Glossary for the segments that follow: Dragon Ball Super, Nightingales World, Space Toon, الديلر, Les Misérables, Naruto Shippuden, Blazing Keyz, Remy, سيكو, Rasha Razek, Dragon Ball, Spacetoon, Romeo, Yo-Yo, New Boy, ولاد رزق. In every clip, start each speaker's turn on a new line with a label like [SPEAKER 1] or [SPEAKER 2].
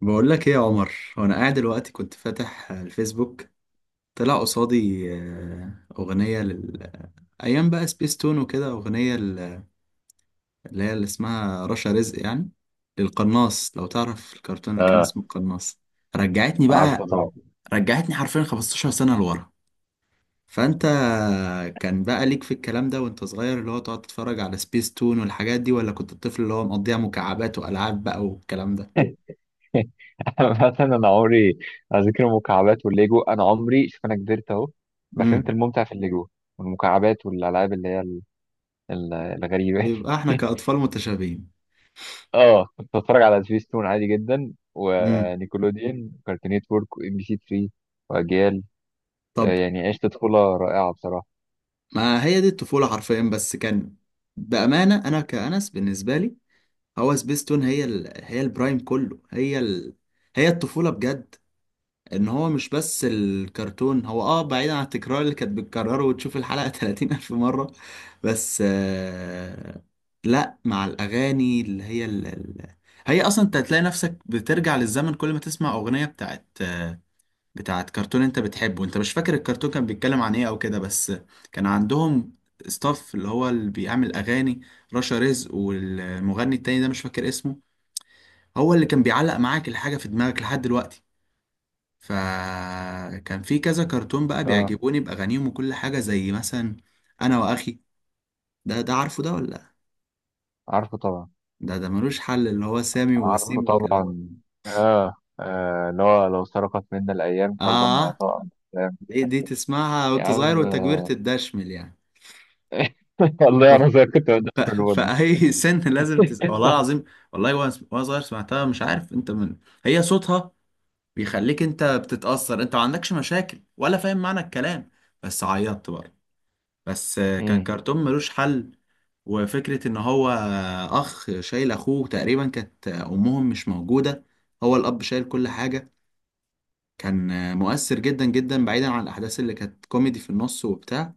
[SPEAKER 1] بقول لك ايه يا عمر. وانا قاعد دلوقتي كنت فاتح الفيسبوك، طلع قصادي اغنيه لل ايام بقى سبيس تون وكده، اغنيه ل- اللي هي اللي اسمها رشا رزق يعني، للقناص. لو تعرف الكرتون اللي كان
[SPEAKER 2] اه،
[SPEAKER 1] اسمه القناص، رجعتني
[SPEAKER 2] عارفه
[SPEAKER 1] بقى،
[SPEAKER 2] طبعا.
[SPEAKER 1] رجعتني حرفيا 15 سنه لورا. فانت كان بقى ليك في الكلام ده وانت صغير؟ اللي هو تقعد تتفرج على سبيس تون والحاجات دي، ولا كنت الطفل اللي هو مقضيها مكعبات والعاب بقى والكلام ده؟
[SPEAKER 2] انا مثلا، انا عمري اذكر المكعبات والليجو. انا عمري شوف، انا كبرت اهو، ما
[SPEAKER 1] امم
[SPEAKER 2] فهمت الممتع في الليجو والمكعبات والالعاب اللي هي الغريبه.
[SPEAKER 1] يبقى احنا كاطفال متشابهين.
[SPEAKER 2] اه، كنت بتفرج على سبيستون عادي جدا، ونيكولوديان، وكارتون نتورك، وام بي سي 3، واجيال.
[SPEAKER 1] طب
[SPEAKER 2] يعني عشت طفوله رائعه بصراحه.
[SPEAKER 1] ما هي دي الطفولة حرفيا. بس كان، بأمانة أنا كأنس بالنسبة لي، هو سبيستون هي ال... هي البرايم كله، هي ال... هي الطفولة بجد. إن هو مش بس الكرتون، هو آه بعيدا عن التكرار اللي كانت بتكرره وتشوف الحلقة 30 ألف مرة، بس آه... لأ، مع الأغاني اللي هي ال... ال... هي أصلا أنت هتلاقي نفسك بترجع للزمن كل ما تسمع أغنية بتاعت بتاعت كرتون انت بتحبه. انت مش فاكر الكرتون كان بيتكلم عن ايه او كده، بس كان عندهم ستاف اللي هو اللي بيعمل اغاني، رشا رزق والمغني التاني ده مش فاكر اسمه، هو اللي كان بيعلق معاك الحاجة في دماغك لحد دلوقتي. فكان في كذا كرتون بقى
[SPEAKER 2] اه،
[SPEAKER 1] بيعجبوني بأغانيهم وكل حاجة، زي مثلا أنا وأخي. ده، ده عارفه ده ولا؟
[SPEAKER 2] عارفه طبعا،
[SPEAKER 1] ده ملوش حل، اللي هو سامي
[SPEAKER 2] عارفه
[SPEAKER 1] ووسيم والكلام.
[SPEAKER 2] طبعا، اه. اللي هو لو سرقت منا الايام قلبا ما
[SPEAKER 1] آه
[SPEAKER 2] يطاء عن الأحلام.
[SPEAKER 1] دي, دي تسمعها
[SPEAKER 2] يا
[SPEAKER 1] وأنت صغير،
[SPEAKER 2] عم،
[SPEAKER 1] وأنت كبرت تدشمل يعني.
[SPEAKER 2] والله انا زي كنت ما
[SPEAKER 1] ف...
[SPEAKER 2] بديش من ودي.
[SPEAKER 1] فأي سن لازم تس... والله العظيم، والله وأنا، صغير سمعتها، مش عارف أنت من، هي صوتها بيخليك أنت بتتأثر. أنت ما عندكش مشاكل ولا فاهم معنى الكلام، بس عيطت برضه. بس كان
[SPEAKER 2] امم،
[SPEAKER 1] كرتون ملوش حل، وفكرة إن هو أخ شايل أخوه، تقريبا كانت أمهم مش موجودة، هو الأب شايل كل حاجة. كان مؤثر جدا جدا، بعيدا عن الأحداث اللي كانت كوميدي في النص وبتاع.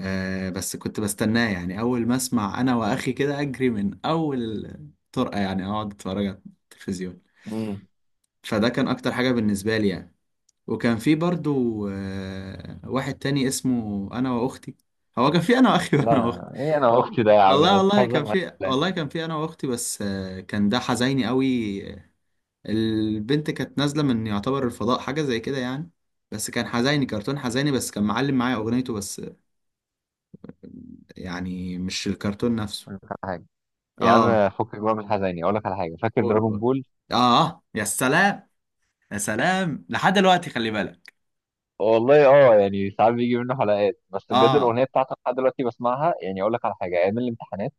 [SPEAKER 1] آه بس كنت بستناه يعني، أول ما أسمع أنا وأخي كده أجري من أول طرقة يعني، أقعد أتفرج على التلفزيون.
[SPEAKER 2] امم.
[SPEAKER 1] فده كان أكتر حاجة بالنسبة لي يعني. وكان في برضو آه واحد تاني اسمه أنا وأختي. هو كان في أنا وأخي وأنا
[SPEAKER 2] لا،
[SPEAKER 1] وأختي.
[SPEAKER 2] ايه انا واختي ده يا عم،
[SPEAKER 1] والله
[SPEAKER 2] ده
[SPEAKER 1] والله
[SPEAKER 2] بتهزر
[SPEAKER 1] كان
[SPEAKER 2] معايا
[SPEAKER 1] في،
[SPEAKER 2] ولا
[SPEAKER 1] والله
[SPEAKER 2] إيه؟
[SPEAKER 1] كان في أنا وأختي، بس آه كان ده حزيني قوي. البنت كانت نازلة من يعتبر الفضاء حاجة زي كده يعني. بس كان حزيني، كرتون حزيني، بس كان معلم معايا أغنيته بس يعني مش الكرتون نفسه.
[SPEAKER 2] أقول لك على حاجه. يا
[SPEAKER 1] اه،
[SPEAKER 2] عم فكك بقى من الحزيني، اقول لك على حاجه، فاكر
[SPEAKER 1] قول
[SPEAKER 2] دراجون
[SPEAKER 1] قول.
[SPEAKER 2] بول؟
[SPEAKER 1] اه يا سلام، يا سلام لحد دلوقتي، خلي بالك.
[SPEAKER 2] والله يعني ساعات بيجي منه حلقات، بس بجد
[SPEAKER 1] اه.
[SPEAKER 2] الاغنيه بتاعته لحد دلوقتي بسمعها. يعني اقول لك على حاجه، ايام الامتحانات.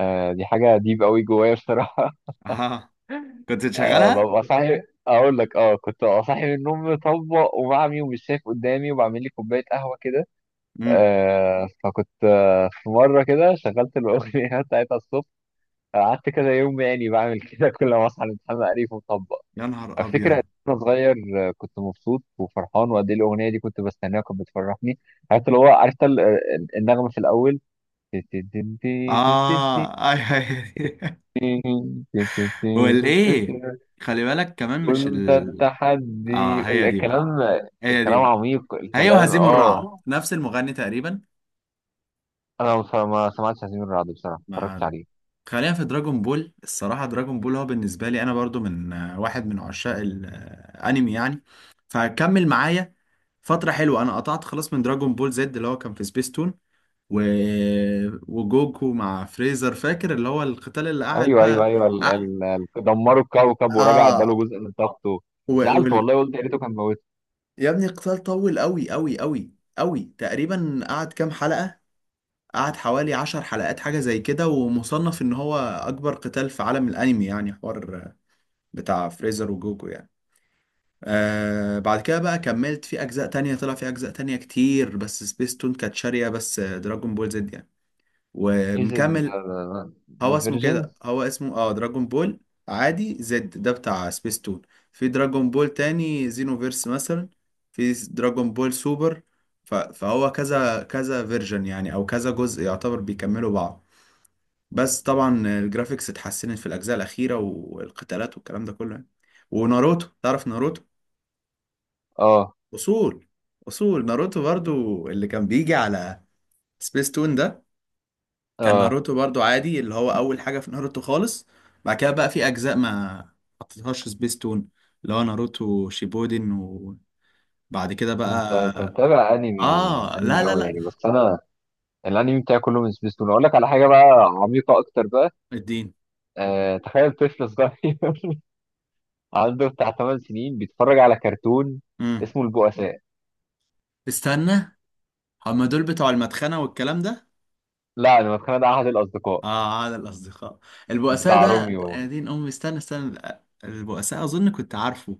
[SPEAKER 2] دي حاجه ديب قوي جوايا بصراحه.
[SPEAKER 1] اه كنت تشغلها.
[SPEAKER 2] ببقى صاحي، اقول لك، كنت ببقى صاحي من النوم مطبق ومعمي ومش شايف قدامي، وبعمل لي كوبايه قهوه كده.
[SPEAKER 1] امم
[SPEAKER 2] فكنت في مرة كده شغلت الأغنية بتاعتها الصبح. قعدت كذا يوم، يعني بعمل كده كل ما أصحى من الامتحان أقريف ومطبق.
[SPEAKER 1] يا نهار
[SPEAKER 2] أفتكر قد
[SPEAKER 1] ابيض.
[SPEAKER 2] إيه وأنا صغير. كنت مبسوط وفرحان، وقد إيه الأغنية دي كنت بستناها وكانت بتفرحني. عرفت اللي هو، عرفت النغمة في الأول.
[SPEAKER 1] اه، اي اي. والايه، خلي بالك كمان مش
[SPEAKER 2] كنت
[SPEAKER 1] ال، اه
[SPEAKER 2] التحدي
[SPEAKER 1] هي دي بقى،
[SPEAKER 2] الكلام،
[SPEAKER 1] هي دي
[SPEAKER 2] الكلام
[SPEAKER 1] بقى.
[SPEAKER 2] عميق،
[SPEAKER 1] هي
[SPEAKER 2] الكلام.
[SPEAKER 1] وهزيم الرعد، نفس المغني تقريبا.
[SPEAKER 2] أنا ما سمعتش ياسمين رعد بصراحة، ما اتفرجتش
[SPEAKER 1] مع،
[SPEAKER 2] عليه.
[SPEAKER 1] خلينا في دراجون بول. الصراحة دراجون بول هو بالنسبة لي انا برضو من واحد من عشاق الانمي يعني، فكمل معايا. فترة حلوة أنا قطعت خلاص من دراجون بول زد اللي هو كان في سبيس تون، و... وجوكو مع فريزر، فاكر اللي هو القتال اللي قعد
[SPEAKER 2] ايوه، ايوه،
[SPEAKER 1] بقى.
[SPEAKER 2] ايوه،
[SPEAKER 1] آه.
[SPEAKER 2] دمروا الكوكب ورجع اداله
[SPEAKER 1] آه.
[SPEAKER 2] جزء من طاقته.
[SPEAKER 1] و...
[SPEAKER 2] زعلت
[SPEAKER 1] وال...
[SPEAKER 2] والله، قلت يا ريته كان موت.
[SPEAKER 1] يا ابني القتال طول أوي أوي أوي أوي. تقريبا قعد كام حلقة، قعد حوالي عشر حلقات حاجة زي كده. ومصنف إن هو أكبر قتال في عالم الأنمي يعني، حوار بتاع فريزر وجوكو يعني. آه، بعد كده بقى كملت في أجزاء تانية، طلع في أجزاء تانية كتير، بس سبيس تون كانت شارية بس دراجون بول زد يعني.
[SPEAKER 2] ايش،
[SPEAKER 1] ومكمل. هو اسمه كده،
[SPEAKER 2] ديفيرجنس.
[SPEAKER 1] هو اسمه اه دراجون بول عادي. زد ده بتاع سبيس تون. في دراجون بول تاني زينوفيرس مثلا، في دراجون بول سوبر. ف- فهو كذا كذا فيرجن يعني، او كذا جزء يعتبر بيكملوا بعض. بس طبعا الجرافيكس اتحسنت في الاجزاء الاخيره والقتالات والكلام ده كله يعني. وناروتو، تعرف ناروتو؟
[SPEAKER 2] اه،
[SPEAKER 1] اصول، اصول ناروتو برضو اللي كان بيجي على سبيس تون ده. كان
[SPEAKER 2] اه.
[SPEAKER 1] ناروتو برضو عادي اللي هو اول حاجه في ناروتو خالص. بعد كده بقى في اجزاء ما حطيتهاش سبيستون، اللي هو ناروتو شيبودن. وبعد كده بقى،
[SPEAKER 2] انت متابع انمي،
[SPEAKER 1] اه لا
[SPEAKER 2] انمي
[SPEAKER 1] لا
[SPEAKER 2] قوي
[SPEAKER 1] لا
[SPEAKER 2] يعني؟ بس انا، الانمي بتاعي كله من سبيستون. اقول لك على حاجه بقى، عميقه اكتر بقى.
[SPEAKER 1] الدين.
[SPEAKER 2] تخيل طفل صغير عنده بتاع 8 سنين بيتفرج على كرتون
[SPEAKER 1] امم
[SPEAKER 2] اسمه البؤساء.
[SPEAKER 1] استنى، هما دول بتوع المدخنه والكلام ده؟
[SPEAKER 2] لا، انا متخيل ده احد الاصدقاء
[SPEAKER 1] اه عاد الاصدقاء، البؤساء
[SPEAKER 2] بتاع
[SPEAKER 1] ده، يا
[SPEAKER 2] روميو.
[SPEAKER 1] دين امي، استنى استنى. البؤساء اظن كنت عارفه،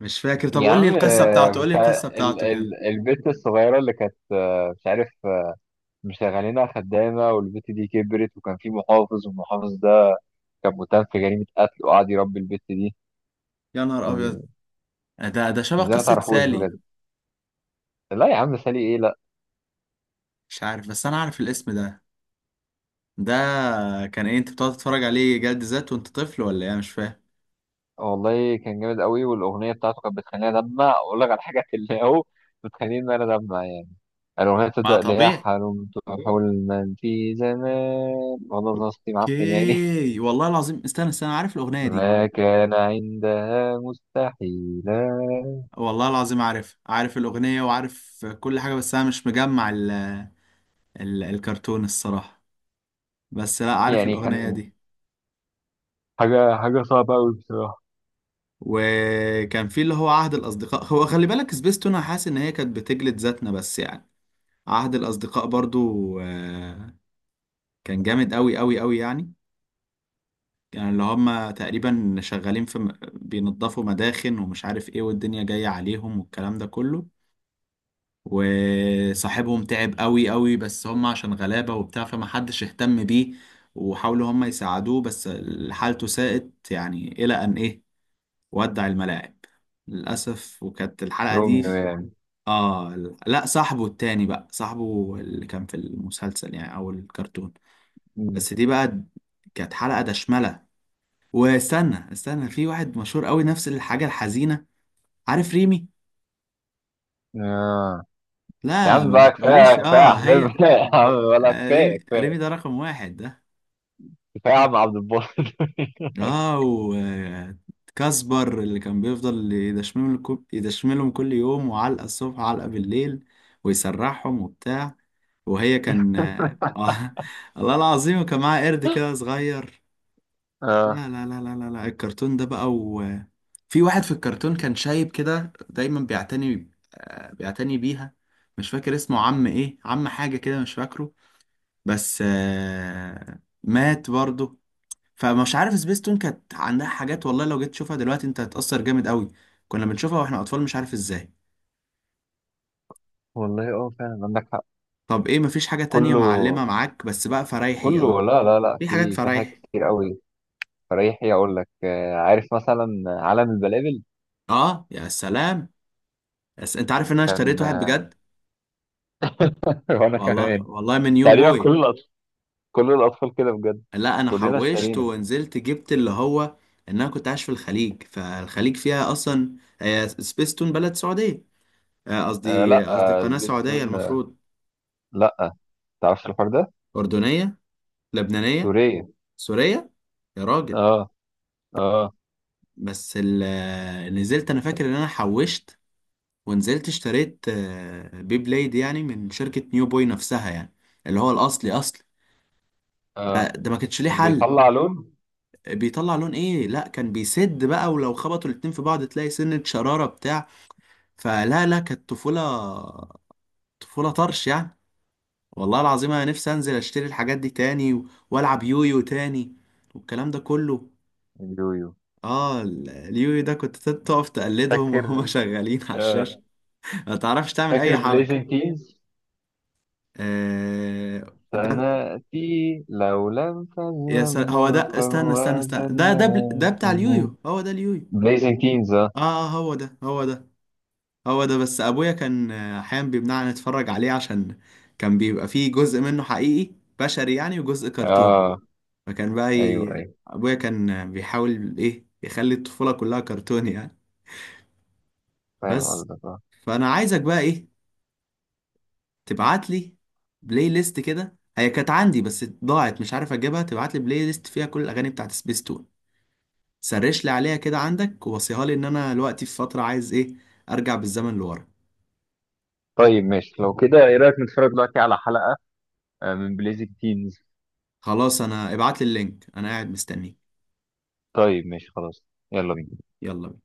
[SPEAKER 1] مش فاكر. طب
[SPEAKER 2] يا
[SPEAKER 1] قول لي
[SPEAKER 2] عم،
[SPEAKER 1] القصه بتاعته، قول لي
[SPEAKER 2] بتاع
[SPEAKER 1] القصه
[SPEAKER 2] ال
[SPEAKER 1] بتاعته كده.
[SPEAKER 2] ال البت الصغيرة اللي كانت، مش عارف، مشغلينها خدامة. والبت دي كبرت، وكان في محافظ، والمحافظ ده كان متهم في جريمة قتل، وقعد يربي البت دي.
[SPEAKER 1] يا نهار ابيض،
[SPEAKER 2] وال-
[SPEAKER 1] ده، ده شبه
[SPEAKER 2] ازاي ما
[SPEAKER 1] قصه
[SPEAKER 2] تعرفوش
[SPEAKER 1] سالي.
[SPEAKER 2] بجد؟ لا يا عم، سالي ايه؟ لا.
[SPEAKER 1] مش عارف بس انا عارف الاسم ده. ده كان ايه؟ انت بتقعد تتفرج عليه جلد ذات وانت طفل ولا ايه، مش فاهم.
[SPEAKER 2] والله كان جامد قوي، والأغنية بتاعته كانت بتخليني أدمع. أقول لك على حاجة، اللي هو بتخليني إن أنا أدمع يعني. الأغنية
[SPEAKER 1] ما
[SPEAKER 2] بتبدأ اللي هي:
[SPEAKER 1] طبيعي.
[SPEAKER 2] حلمت حلما في زمان، والله نصيب معفن يعني،
[SPEAKER 1] اوكي والله العظيم، استنى استنى، عارف الاغنيه دي،
[SPEAKER 2] ما كان عندها مستحيلا.
[SPEAKER 1] والله العظيم عارف، عارف الاغنيه وعارف كل حاجه، بس انا مش مجمع ال الكرتون الصراحه. بس لا عارف
[SPEAKER 2] يعني
[SPEAKER 1] الاغنيه
[SPEAKER 2] كان
[SPEAKER 1] دي.
[SPEAKER 2] حاجة، حاجة صعبة أوي بصراحة.
[SPEAKER 1] وكان في اللي هو عهد الاصدقاء، هو خلي بالك سبيستون انا حاسس ان هي كانت بتجلد ذاتنا بس يعني. عهد الاصدقاء برضو آه، كان جامد قوي قوي قوي يعني. يعني اللي هم تقريبا شغالين في م- بينظفوا مداخن ومش عارف ايه، والدنيا جاية عليهم والكلام ده كله. وصاحبهم تعب قوي قوي، بس هم عشان غلابة وبتاع فمحدش اهتم بيه. وحاولوا هم يساعدوه بس حالته ساءت، يعني إلى أن إيه، ودع الملاعب للأسف. وكانت الحلقة دي
[SPEAKER 2] روميو
[SPEAKER 1] في-
[SPEAKER 2] يعني.
[SPEAKER 1] آه ال- لا صاحبه التاني بقى، صاحبه اللي كان في المسلسل يعني أو الكرتون.
[SPEAKER 2] مم.
[SPEAKER 1] بس دي بقى كانت حلقة دشملة. واستنى استنى، في واحد مشهور قوي نفس الحاجة الحزينة. عارف ريمي؟
[SPEAKER 2] آه. يا
[SPEAKER 1] لا
[SPEAKER 2] عم
[SPEAKER 1] ما
[SPEAKER 2] بقى، كفاية
[SPEAKER 1] تقوليش
[SPEAKER 2] كفاية
[SPEAKER 1] اه
[SPEAKER 2] أحزاب
[SPEAKER 1] هي.
[SPEAKER 2] يا عم، ولا
[SPEAKER 1] آه،
[SPEAKER 2] كفاية،
[SPEAKER 1] ريمي، ريمي
[SPEAKER 2] كفاية،
[SPEAKER 1] ده رقم واحد ده.
[SPEAKER 2] كفاية، يا عم عبد الباسط.
[SPEAKER 1] اه، وكاسبر اللي كان بيفضل يدشملهم كل- يدشملهم كل يوم، وعلقة الصبح وعلقة بالليل ويسرحهم وبتاع. وهي كان اه، آه، الله العظيم. وكان معاها قرد كده صغير.
[SPEAKER 2] اه،
[SPEAKER 1] لا الكرتون ده بقى، في واحد في الكرتون كان شايب كده دايما بيعتني بيعتني بيها، مش فاكر اسمه عم ايه، عم حاجة كده مش فاكره. بس مات برضه. فمش عارف، سبيستون كانت عندها حاجات والله لو جيت تشوفها دلوقتي انت هتتأثر جامد قوي، كنا بنشوفها واحنا اطفال مش عارف ازاي.
[SPEAKER 2] والله فعلا عندك حق.
[SPEAKER 1] طب ايه، مفيش حاجة تانية
[SPEAKER 2] كله،
[SPEAKER 1] معلمة معاك بس بقى فرايحي؟
[SPEAKER 2] كله. لا، لا، لا،
[SPEAKER 1] في حاجات
[SPEAKER 2] في حاجات
[SPEAKER 1] فرايحي.
[SPEAKER 2] كتير قوي. فريحي، اقول لك، عارف مثلا عالم البلابل؟
[SPEAKER 1] اه يا سلام، بس انت عارف ان انا اشتريت
[SPEAKER 2] كان
[SPEAKER 1] واحد بجد،
[SPEAKER 2] وانا
[SPEAKER 1] والله
[SPEAKER 2] كمان.
[SPEAKER 1] والله، من يو
[SPEAKER 2] تقريبا
[SPEAKER 1] بوي.
[SPEAKER 2] كل الاطفال كده، بجد
[SPEAKER 1] لا، انا
[SPEAKER 2] كلنا
[SPEAKER 1] حوشت
[SPEAKER 2] اشترينا.
[SPEAKER 1] ونزلت جبت اللي هو، ان انا كنت عايش في الخليج، فالخليج فيها اصلا، هي سبيستون بلد سعوديه،
[SPEAKER 2] آه،
[SPEAKER 1] قصدي
[SPEAKER 2] لا.
[SPEAKER 1] قصدي
[SPEAKER 2] آه
[SPEAKER 1] قناه سعوديه
[SPEAKER 2] سبيستون، آه.
[SPEAKER 1] المفروض،
[SPEAKER 2] لا تعرفش الحوار ده.
[SPEAKER 1] اردنيه، لبنانيه،
[SPEAKER 2] سورية.
[SPEAKER 1] سوريه. يا راجل.
[SPEAKER 2] اه، اه،
[SPEAKER 1] بس ال- نزلت انا فاكر ان انا حوشت ونزلت اشتريت بي بليد يعني، من شركه نيو بوي نفسها يعني، اللي هو الاصلي اصلي. ده,
[SPEAKER 2] اه.
[SPEAKER 1] ده ما كانش ليه
[SPEAKER 2] كان
[SPEAKER 1] حل.
[SPEAKER 2] بيطلع لون.
[SPEAKER 1] بيطلع لون ايه؟ لا كان بيسد بقى، ولو خبطوا الاتنين في بعض تلاقي سنة شرارة بتاع. فلا لا، كانت طفولة، طفولة طرش يعني. والله العظيم انا نفسي انزل اشتري الحاجات دي تاني، و- والعب يويو تاني والكلام ده كله.
[SPEAKER 2] اليويو
[SPEAKER 1] اه ال- اليويو ده كنت تقف تقلدهم وهما
[SPEAKER 2] فاكر؟
[SPEAKER 1] شغالين على الشاشة،
[SPEAKER 2] آه
[SPEAKER 1] ما تعرفش تعمل اي
[SPEAKER 2] فاكر
[SPEAKER 1] حركة.
[SPEAKER 2] بليزنج كيز؟
[SPEAKER 1] آه ده.
[SPEAKER 2] سنأتي لو لم
[SPEAKER 1] يا سل...
[SPEAKER 2] تذهب
[SPEAKER 1] هو ده،
[SPEAKER 2] برقا
[SPEAKER 1] استنى استنى استنى، ده ده بل... ده بتاع
[SPEAKER 2] وزناتي.
[SPEAKER 1] اليويو، هو ده اليويو.
[SPEAKER 2] بليزنج كيز، اه،
[SPEAKER 1] اه، آه، هو ده، هو ده، هو ده. بس ابويا كان احيانا بيمنعنا نتفرج عليه، عشان كان بيبقى فيه جزء منه حقيقي بشري يعني، وجزء كرتون.
[SPEAKER 2] اه.
[SPEAKER 1] فكان بقى
[SPEAKER 2] ايوه،
[SPEAKER 1] ي...
[SPEAKER 2] ايوه،
[SPEAKER 1] ابويا كان بيحاول ايه، يخلي الطفولة كلها كرتون يعني.
[SPEAKER 2] فاهم
[SPEAKER 1] بس،
[SPEAKER 2] قصدك، اه.
[SPEAKER 1] فانا عايزك بقى ايه، تبعت لي بلاي ليست كده، هي كانت عندي بس ضاعت مش عارف اجيبها. تبعت لي بلاي ليست فيها كل الاغاني بتاعت سبيستون. سرش لي عليها كده عندك ووصيها لي، ان انا دلوقتي في فترة عايز ايه، ارجع بالزمن لورا.
[SPEAKER 2] طيب ماشي، لو كده ايه رأيك نتفرج دلوقتي على حلقة من بليزنج كيز؟
[SPEAKER 1] خلاص انا، ابعت لي اللينك انا قاعد مستنيك.
[SPEAKER 2] طيب ماشي خلاص، يلا بينا.
[SPEAKER 1] يلا بينا.